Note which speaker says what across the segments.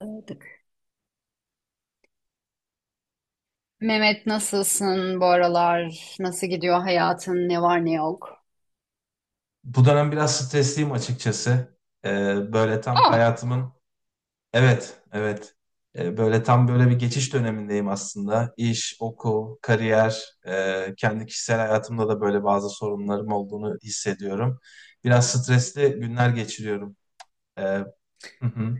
Speaker 1: Aldık. Mehmet, nasılsın bu aralar? Nasıl gidiyor hayatın? Ne var ne yok?
Speaker 2: Bu dönem biraz stresliyim açıkçası. Böyle tam
Speaker 1: Ah,
Speaker 2: hayatımın evet, evet. Böyle tam böyle bir geçiş dönemindeyim aslında. İş, okul, kariyer, kendi kişisel hayatımda da böyle bazı sorunlarım olduğunu hissediyorum. Biraz stresli günler geçiriyorum. Ee, hı hı.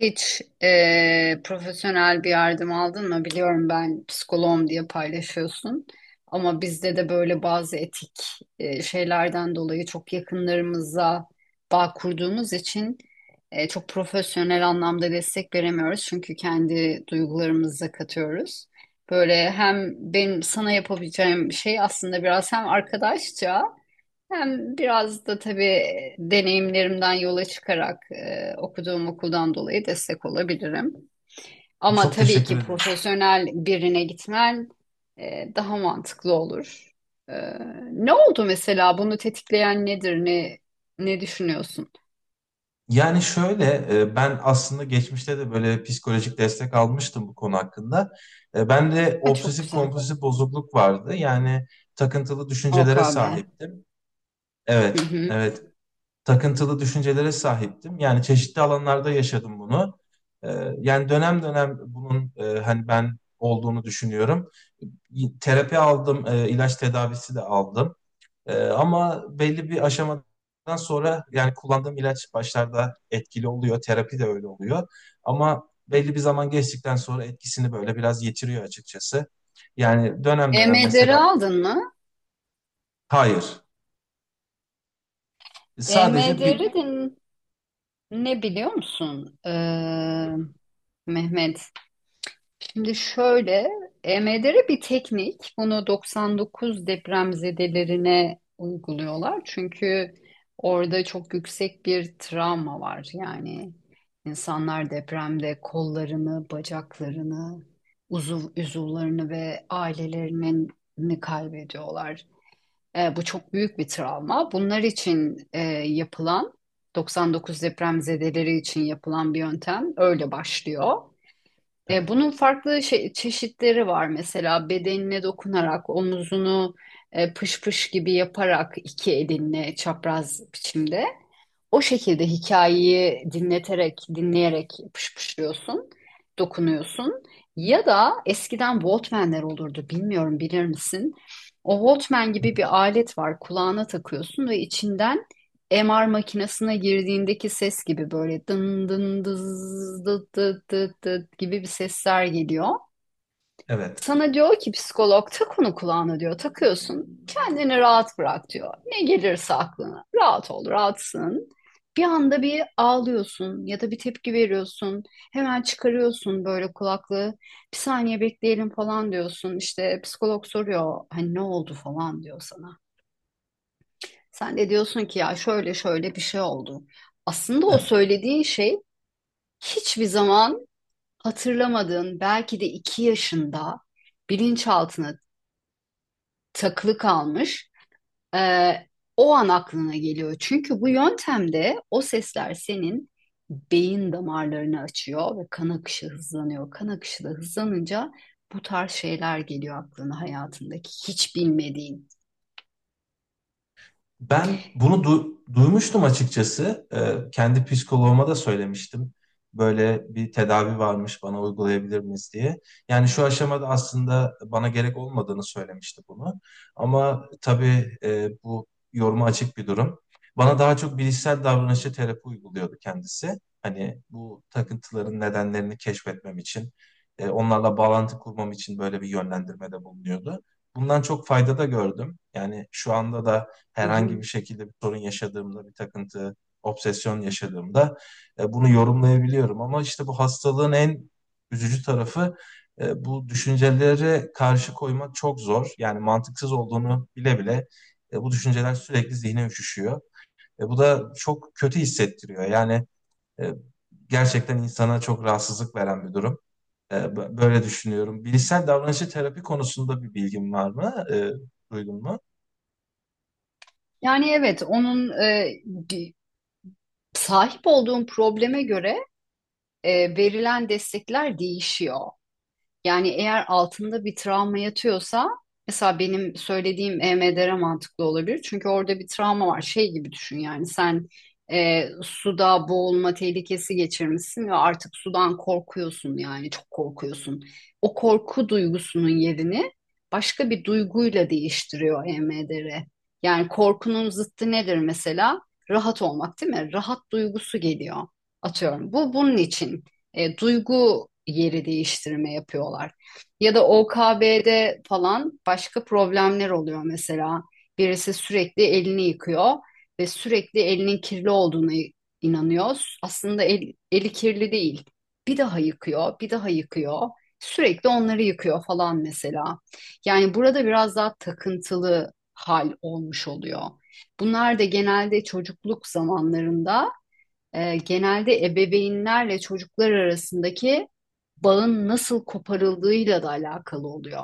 Speaker 1: hiç profesyonel bir yardım aldın mı? Biliyorum, ben psikoloğum diye paylaşıyorsun. Ama bizde de böyle bazı etik şeylerden dolayı çok yakınlarımıza bağ kurduğumuz için çok profesyonel anlamda destek veremiyoruz. Çünkü kendi duygularımızı katıyoruz. Böyle hem benim sana yapabileceğim şey aslında biraz hem arkadaşça, hem biraz da tabii deneyimlerimden yola çıkarak okuduğum okuldan dolayı destek olabilirim. Ama
Speaker 2: Çok
Speaker 1: tabii
Speaker 2: teşekkür
Speaker 1: ki
Speaker 2: ederim.
Speaker 1: profesyonel birine gitmen daha mantıklı olur. E, ne oldu mesela? Bunu tetikleyen nedir? Ne düşünüyorsun?
Speaker 2: Yani şöyle, ben aslında geçmişte de böyle psikolojik destek almıştım bu konu hakkında. Ben de
Speaker 1: Ha, çok
Speaker 2: obsesif
Speaker 1: güzel.
Speaker 2: kompulsif bozukluk vardı. Yani takıntılı düşüncelere
Speaker 1: OKB.
Speaker 2: sahiptim.
Speaker 1: Hı
Speaker 2: Evet,
Speaker 1: hı.
Speaker 2: evet. Takıntılı düşüncelere sahiptim. Yani çeşitli alanlarda yaşadım bunu. E, Yani dönem dönem bunun hani ben olduğunu düşünüyorum. Terapi aldım, ilaç tedavisi de aldım. Ama belli bir aşamadan sonra yani kullandığım ilaç başlarda etkili oluyor, terapi de öyle oluyor. Ama belli bir zaman geçtikten sonra etkisini böyle biraz yitiriyor açıkçası. Yani dönem dönem
Speaker 1: EMDR'i
Speaker 2: mesela
Speaker 1: aldın mı?
Speaker 2: hayır, sadece
Speaker 1: EMDR'i
Speaker 2: bir
Speaker 1: de ne biliyor musun? Mehmet, şimdi şöyle, EMDR bir teknik. Bunu 99 depremzedelerine uyguluyorlar. Çünkü orada çok yüksek bir travma var. Yani insanlar depremde kollarını, bacaklarını, uzuvlarını ve ailelerini kaybediyorlar. Bu çok büyük bir travma. Bunlar için yapılan, 99 depremzedeleri için yapılan bir yöntem öyle başlıyor. E,
Speaker 2: evet,
Speaker 1: bunun farklı çeşitleri var. Mesela bedenine dokunarak omuzunu pış pış gibi yaparak iki elinle çapraz biçimde. O şekilde hikayeyi dinleyerek pışpışlıyorsun, dokunuyorsun. Ya da eskiden Walkman'ler olurdu, bilmiyorum, bilir misin? O Walkman gibi bir alet var, kulağına takıyorsun ve içinden MR makinesine girdiğindeki ses gibi böyle dın dın dız dıt dıt dıt dıt gibi bir sesler geliyor.
Speaker 2: evet,
Speaker 1: Sana diyor ki psikolog, tak onu kulağına diyor, takıyorsun, kendini rahat bırak diyor. Ne gelirse aklına rahat ol, rahatsın. Bir anda bir ağlıyorsun ya da bir tepki veriyorsun. Hemen çıkarıyorsun böyle kulaklığı. Bir saniye bekleyelim falan diyorsun. İşte psikolog soruyor, hani ne oldu falan diyor sana. Sen de diyorsun ki ya şöyle şöyle bir şey oldu. Aslında o
Speaker 2: evet.
Speaker 1: söylediğin şey hiçbir zaman hatırlamadığın, belki de 2 yaşında bilinçaltına takılı kalmış. Ee, o an aklına geliyor. Çünkü bu yöntemde o sesler senin beyin damarlarını açıyor ve kan akışı hızlanıyor. Kan akışı da hızlanınca bu tarz şeyler geliyor aklına, hayatındaki hiç bilmediğin.
Speaker 2: Ben bunu duymuştum açıkçası. Kendi psikoloğuma da söylemiştim. Böyle bir tedavi varmış bana uygulayabilir miyiz diye. Yani şu aşamada aslında bana gerek olmadığını söylemişti bunu. Ama tabii bu yoruma açık bir durum. Bana daha çok bilişsel davranışçı terapi uyguluyordu kendisi. Hani bu takıntıların nedenlerini keşfetmem için, onlarla bağlantı kurmam için böyle bir yönlendirmede bulunuyordu. Bundan çok fayda da gördüm. Yani şu anda da
Speaker 1: Hı
Speaker 2: herhangi
Speaker 1: hı.
Speaker 2: bir şekilde bir sorun yaşadığımda, bir takıntı, obsesyon yaşadığımda bunu yorumlayabiliyorum. Ama işte bu hastalığın en üzücü tarafı, bu düşüncelere karşı koymak çok zor. Yani mantıksız olduğunu bile bile bu düşünceler sürekli zihne üşüşüyor. Bu da çok kötü hissettiriyor. Yani e, gerçekten insana çok rahatsızlık veren bir durum. Böyle düşünüyorum. Bilişsel davranışçı terapi konusunda bir bilgin var mı? Duydun mu?
Speaker 1: Yani evet, onun di- sahip olduğun probleme göre verilen destekler değişiyor. Yani eğer altında bir travma yatıyorsa mesela benim söylediğim EMDR mantıklı olabilir. Çünkü orada bir travma var. Şey gibi düşün, yani sen suda boğulma tehlikesi geçirmişsin ve artık sudan korkuyorsun, yani çok korkuyorsun. O korku duygusunun yerini başka bir duyguyla değiştiriyor EMDR. Yani korkunun zıttı nedir mesela? Rahat olmak değil mi? Rahat duygusu geliyor. Atıyorum. Bunun için duygu yeri değiştirme yapıyorlar. Ya da OKB'de falan başka problemler oluyor mesela. Birisi sürekli elini yıkıyor ve sürekli elinin kirli olduğuna inanıyor. Aslında eli kirli değil. Bir daha yıkıyor, bir daha yıkıyor. Sürekli onları yıkıyor falan mesela. Yani burada biraz daha takıntılı hal olmuş oluyor. Bunlar da genelde çocukluk zamanlarında, genelde ebeveynlerle çocuklar arasındaki bağın nasıl koparıldığıyla da alakalı oluyor.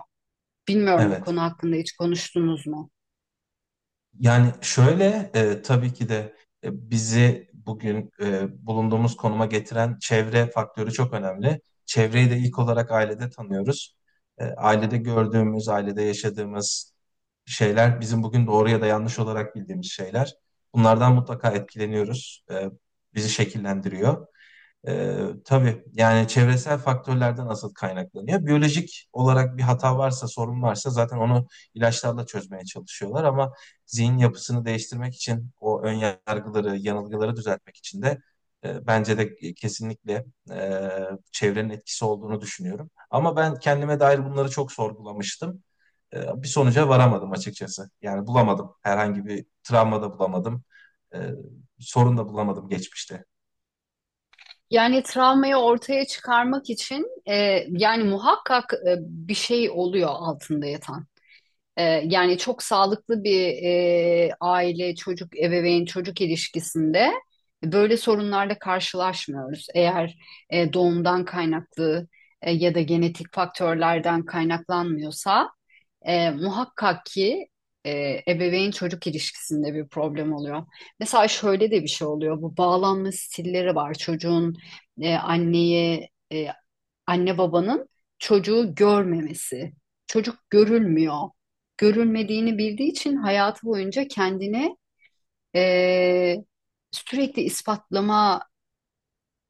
Speaker 1: Bilmiyorum, bu
Speaker 2: Evet.
Speaker 1: konu hakkında hiç konuştunuz mu?
Speaker 2: Yani şöyle, tabii ki de bizi bugün bulunduğumuz konuma getiren çevre faktörü çok önemli. Çevreyi de ilk olarak ailede tanıyoruz. Ailede gördüğümüz, ailede yaşadığımız şeyler bizim bugün doğru ya da yanlış olarak bildiğimiz şeyler. Bunlardan mutlaka etkileniyoruz. Bizi şekillendiriyor. Ee, tabii yani çevresel faktörlerden asıl kaynaklanıyor. Biyolojik olarak bir hata varsa, sorun varsa zaten onu ilaçlarla çözmeye çalışıyorlar ama zihin yapısını değiştirmek için o ön yargıları, yanılgıları düzeltmek için de bence de kesinlikle e, çevrenin etkisi olduğunu düşünüyorum. Ama ben kendime dair bunları çok sorgulamıştım. Bir sonuca varamadım açıkçası. Yani bulamadım. Herhangi bir travma da bulamadım. E, Sorun da bulamadım geçmişte.
Speaker 1: Yani travmayı ortaya çıkarmak için yani muhakkak bir şey oluyor altında yatan. Yani çok sağlıklı bir aile, çocuk, ebeveyn, çocuk ilişkisinde böyle sorunlarla karşılaşmıyoruz. Eğer doğumdan kaynaklı ya da genetik faktörlerden kaynaklanmıyorsa muhakkak ki e, ebeveyn çocuk ilişkisinde bir problem oluyor. Mesela şöyle de bir şey oluyor. Bu bağlanma stilleri var. Çocuğun e, anneye, e, anne babanın çocuğu görmemesi. Çocuk görülmüyor. Görülmediğini bildiği için hayatı boyunca kendine e, sürekli ispatlama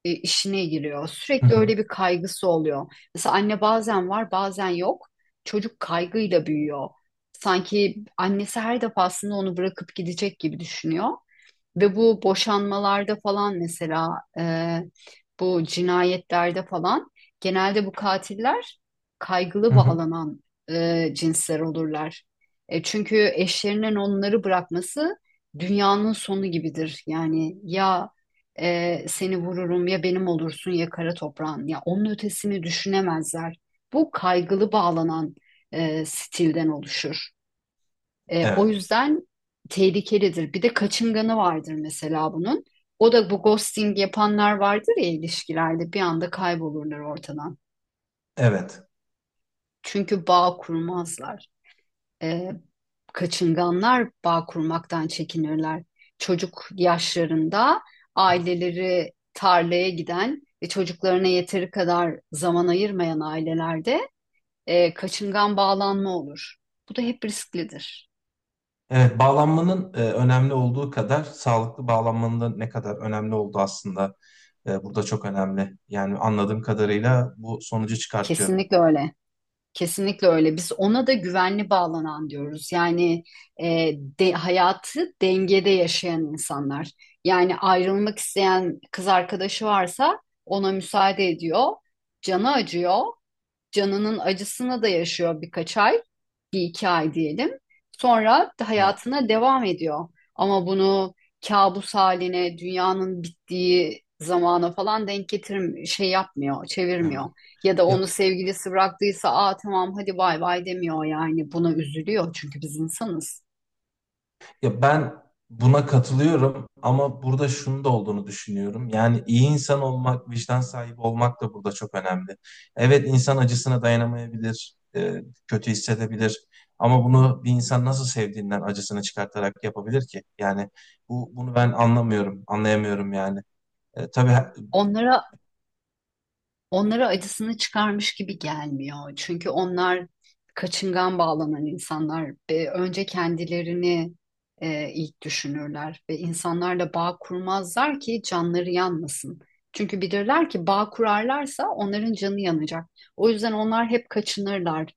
Speaker 1: işine giriyor.
Speaker 2: Hı
Speaker 1: Sürekli
Speaker 2: hı.
Speaker 1: öyle bir kaygısı oluyor. Mesela anne bazen var, bazen yok. Çocuk kaygıyla büyüyor. Sanki annesi her defasında onu bırakıp gidecek gibi düşünüyor. Ve bu boşanmalarda falan mesela, bu cinayetlerde falan genelde bu katiller
Speaker 2: Hı
Speaker 1: kaygılı
Speaker 2: hı.
Speaker 1: bağlanan cinsler olurlar. Çünkü eşlerinin onları bırakması dünyanın sonu gibidir. Yani ya seni vururum ya benim olursun ya kara toprağın, ya onun ötesini düşünemezler. Bu kaygılı bağlanan stilden oluşur. O
Speaker 2: Evet,
Speaker 1: yüzden tehlikelidir. Bir de kaçınganı vardır mesela bunun. O da bu ghosting yapanlar vardır ya, ilişkilerde bir anda kaybolurlar ortadan.
Speaker 2: evet.
Speaker 1: Çünkü bağ kurmazlar. E, kaçınganlar bağ kurmaktan çekinirler. Çocuk yaşlarında aileleri tarlaya giden ve çocuklarına yeteri kadar zaman ayırmayan ailelerde kaçıngan bağlanma olur. Bu da hep risklidir.
Speaker 2: Evet, bağlanmanın önemli olduğu kadar sağlıklı bağlanmanın da ne kadar önemli olduğu aslında burada çok önemli. Yani anladığım kadarıyla bu sonucu çıkartıyorum.
Speaker 1: Kesinlikle öyle. Kesinlikle öyle. Biz ona da güvenli bağlanan diyoruz. Yani e, hayatı dengede yaşayan insanlar. Yani ayrılmak isteyen kız arkadaşı varsa ona müsaade ediyor. Canı acıyor. Canının acısını da yaşıyor birkaç ay, bir iki ay diyelim. Sonra
Speaker 2: Evet,
Speaker 1: hayatına devam ediyor. Ama bunu kabus haline, dünyanın bittiği zamana falan denk getir, şey yapmıyor, çevirmiyor.
Speaker 2: evet.
Speaker 1: Ya da onu
Speaker 2: Ya,
Speaker 1: sevgilisi bıraktıysa, aa tamam hadi bay bay demiyor yani. Buna üzülüyor çünkü biz insanız.
Speaker 2: ya ben buna katılıyorum ama burada şunun da olduğunu düşünüyorum. Yani iyi insan olmak, vicdan sahibi olmak da burada çok önemli. Evet, insan acısına dayanamayabilir, kötü hissedebilir. Ama bunu bir insan nasıl sevdiğinden acısını çıkartarak yapabilir ki? Yani bunu ben anlamıyorum, anlayamıyorum yani. E, tabii he-
Speaker 1: Onlara Onlara acısını çıkarmış gibi gelmiyor. Çünkü onlar kaçıngan bağlanan insanlar ve önce kendilerini ilk düşünürler ve insanlarla bağ kurmazlar ki canları yanmasın. Çünkü bilirler ki bağ kurarlarsa onların canı yanacak. O yüzden onlar hep kaçınırlar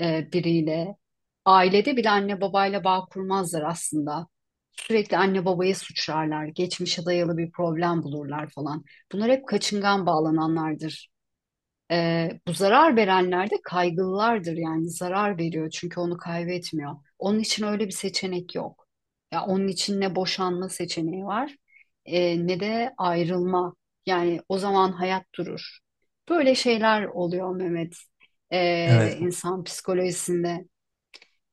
Speaker 1: biriyle. Ailede bile anne babayla bağ kurmazlar aslında. Sürekli anne babaya suçlarlar, geçmişe dayalı bir problem bulurlar falan. Bunlar hep kaçıngan bağlananlardır. Bu zarar verenler de kaygılılardır, yani zarar veriyor çünkü onu kaybetmiyor. Onun için öyle bir seçenek yok. Ya onun için ne boşanma seçeneği var, ne de ayrılma. Yani o zaman hayat durur. Böyle şeyler oluyor Mehmet,
Speaker 2: evet,
Speaker 1: insan psikolojisinde.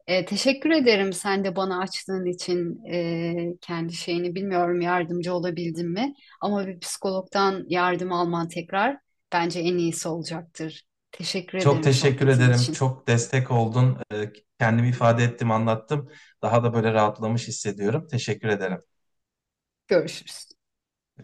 Speaker 1: Teşekkür ederim sen de bana açtığın için. Kendi şeyini bilmiyorum, yardımcı olabildim mi? Ama bir psikologdan yardım alman tekrar bence en iyisi olacaktır. Teşekkür
Speaker 2: çok
Speaker 1: ederim
Speaker 2: teşekkür
Speaker 1: sohbetin
Speaker 2: ederim.
Speaker 1: için.
Speaker 2: Çok destek oldun. Kendimi ifade ettim, anlattım. Daha da böyle rahatlamış hissediyorum. Teşekkür ederim.
Speaker 1: Görüşürüz.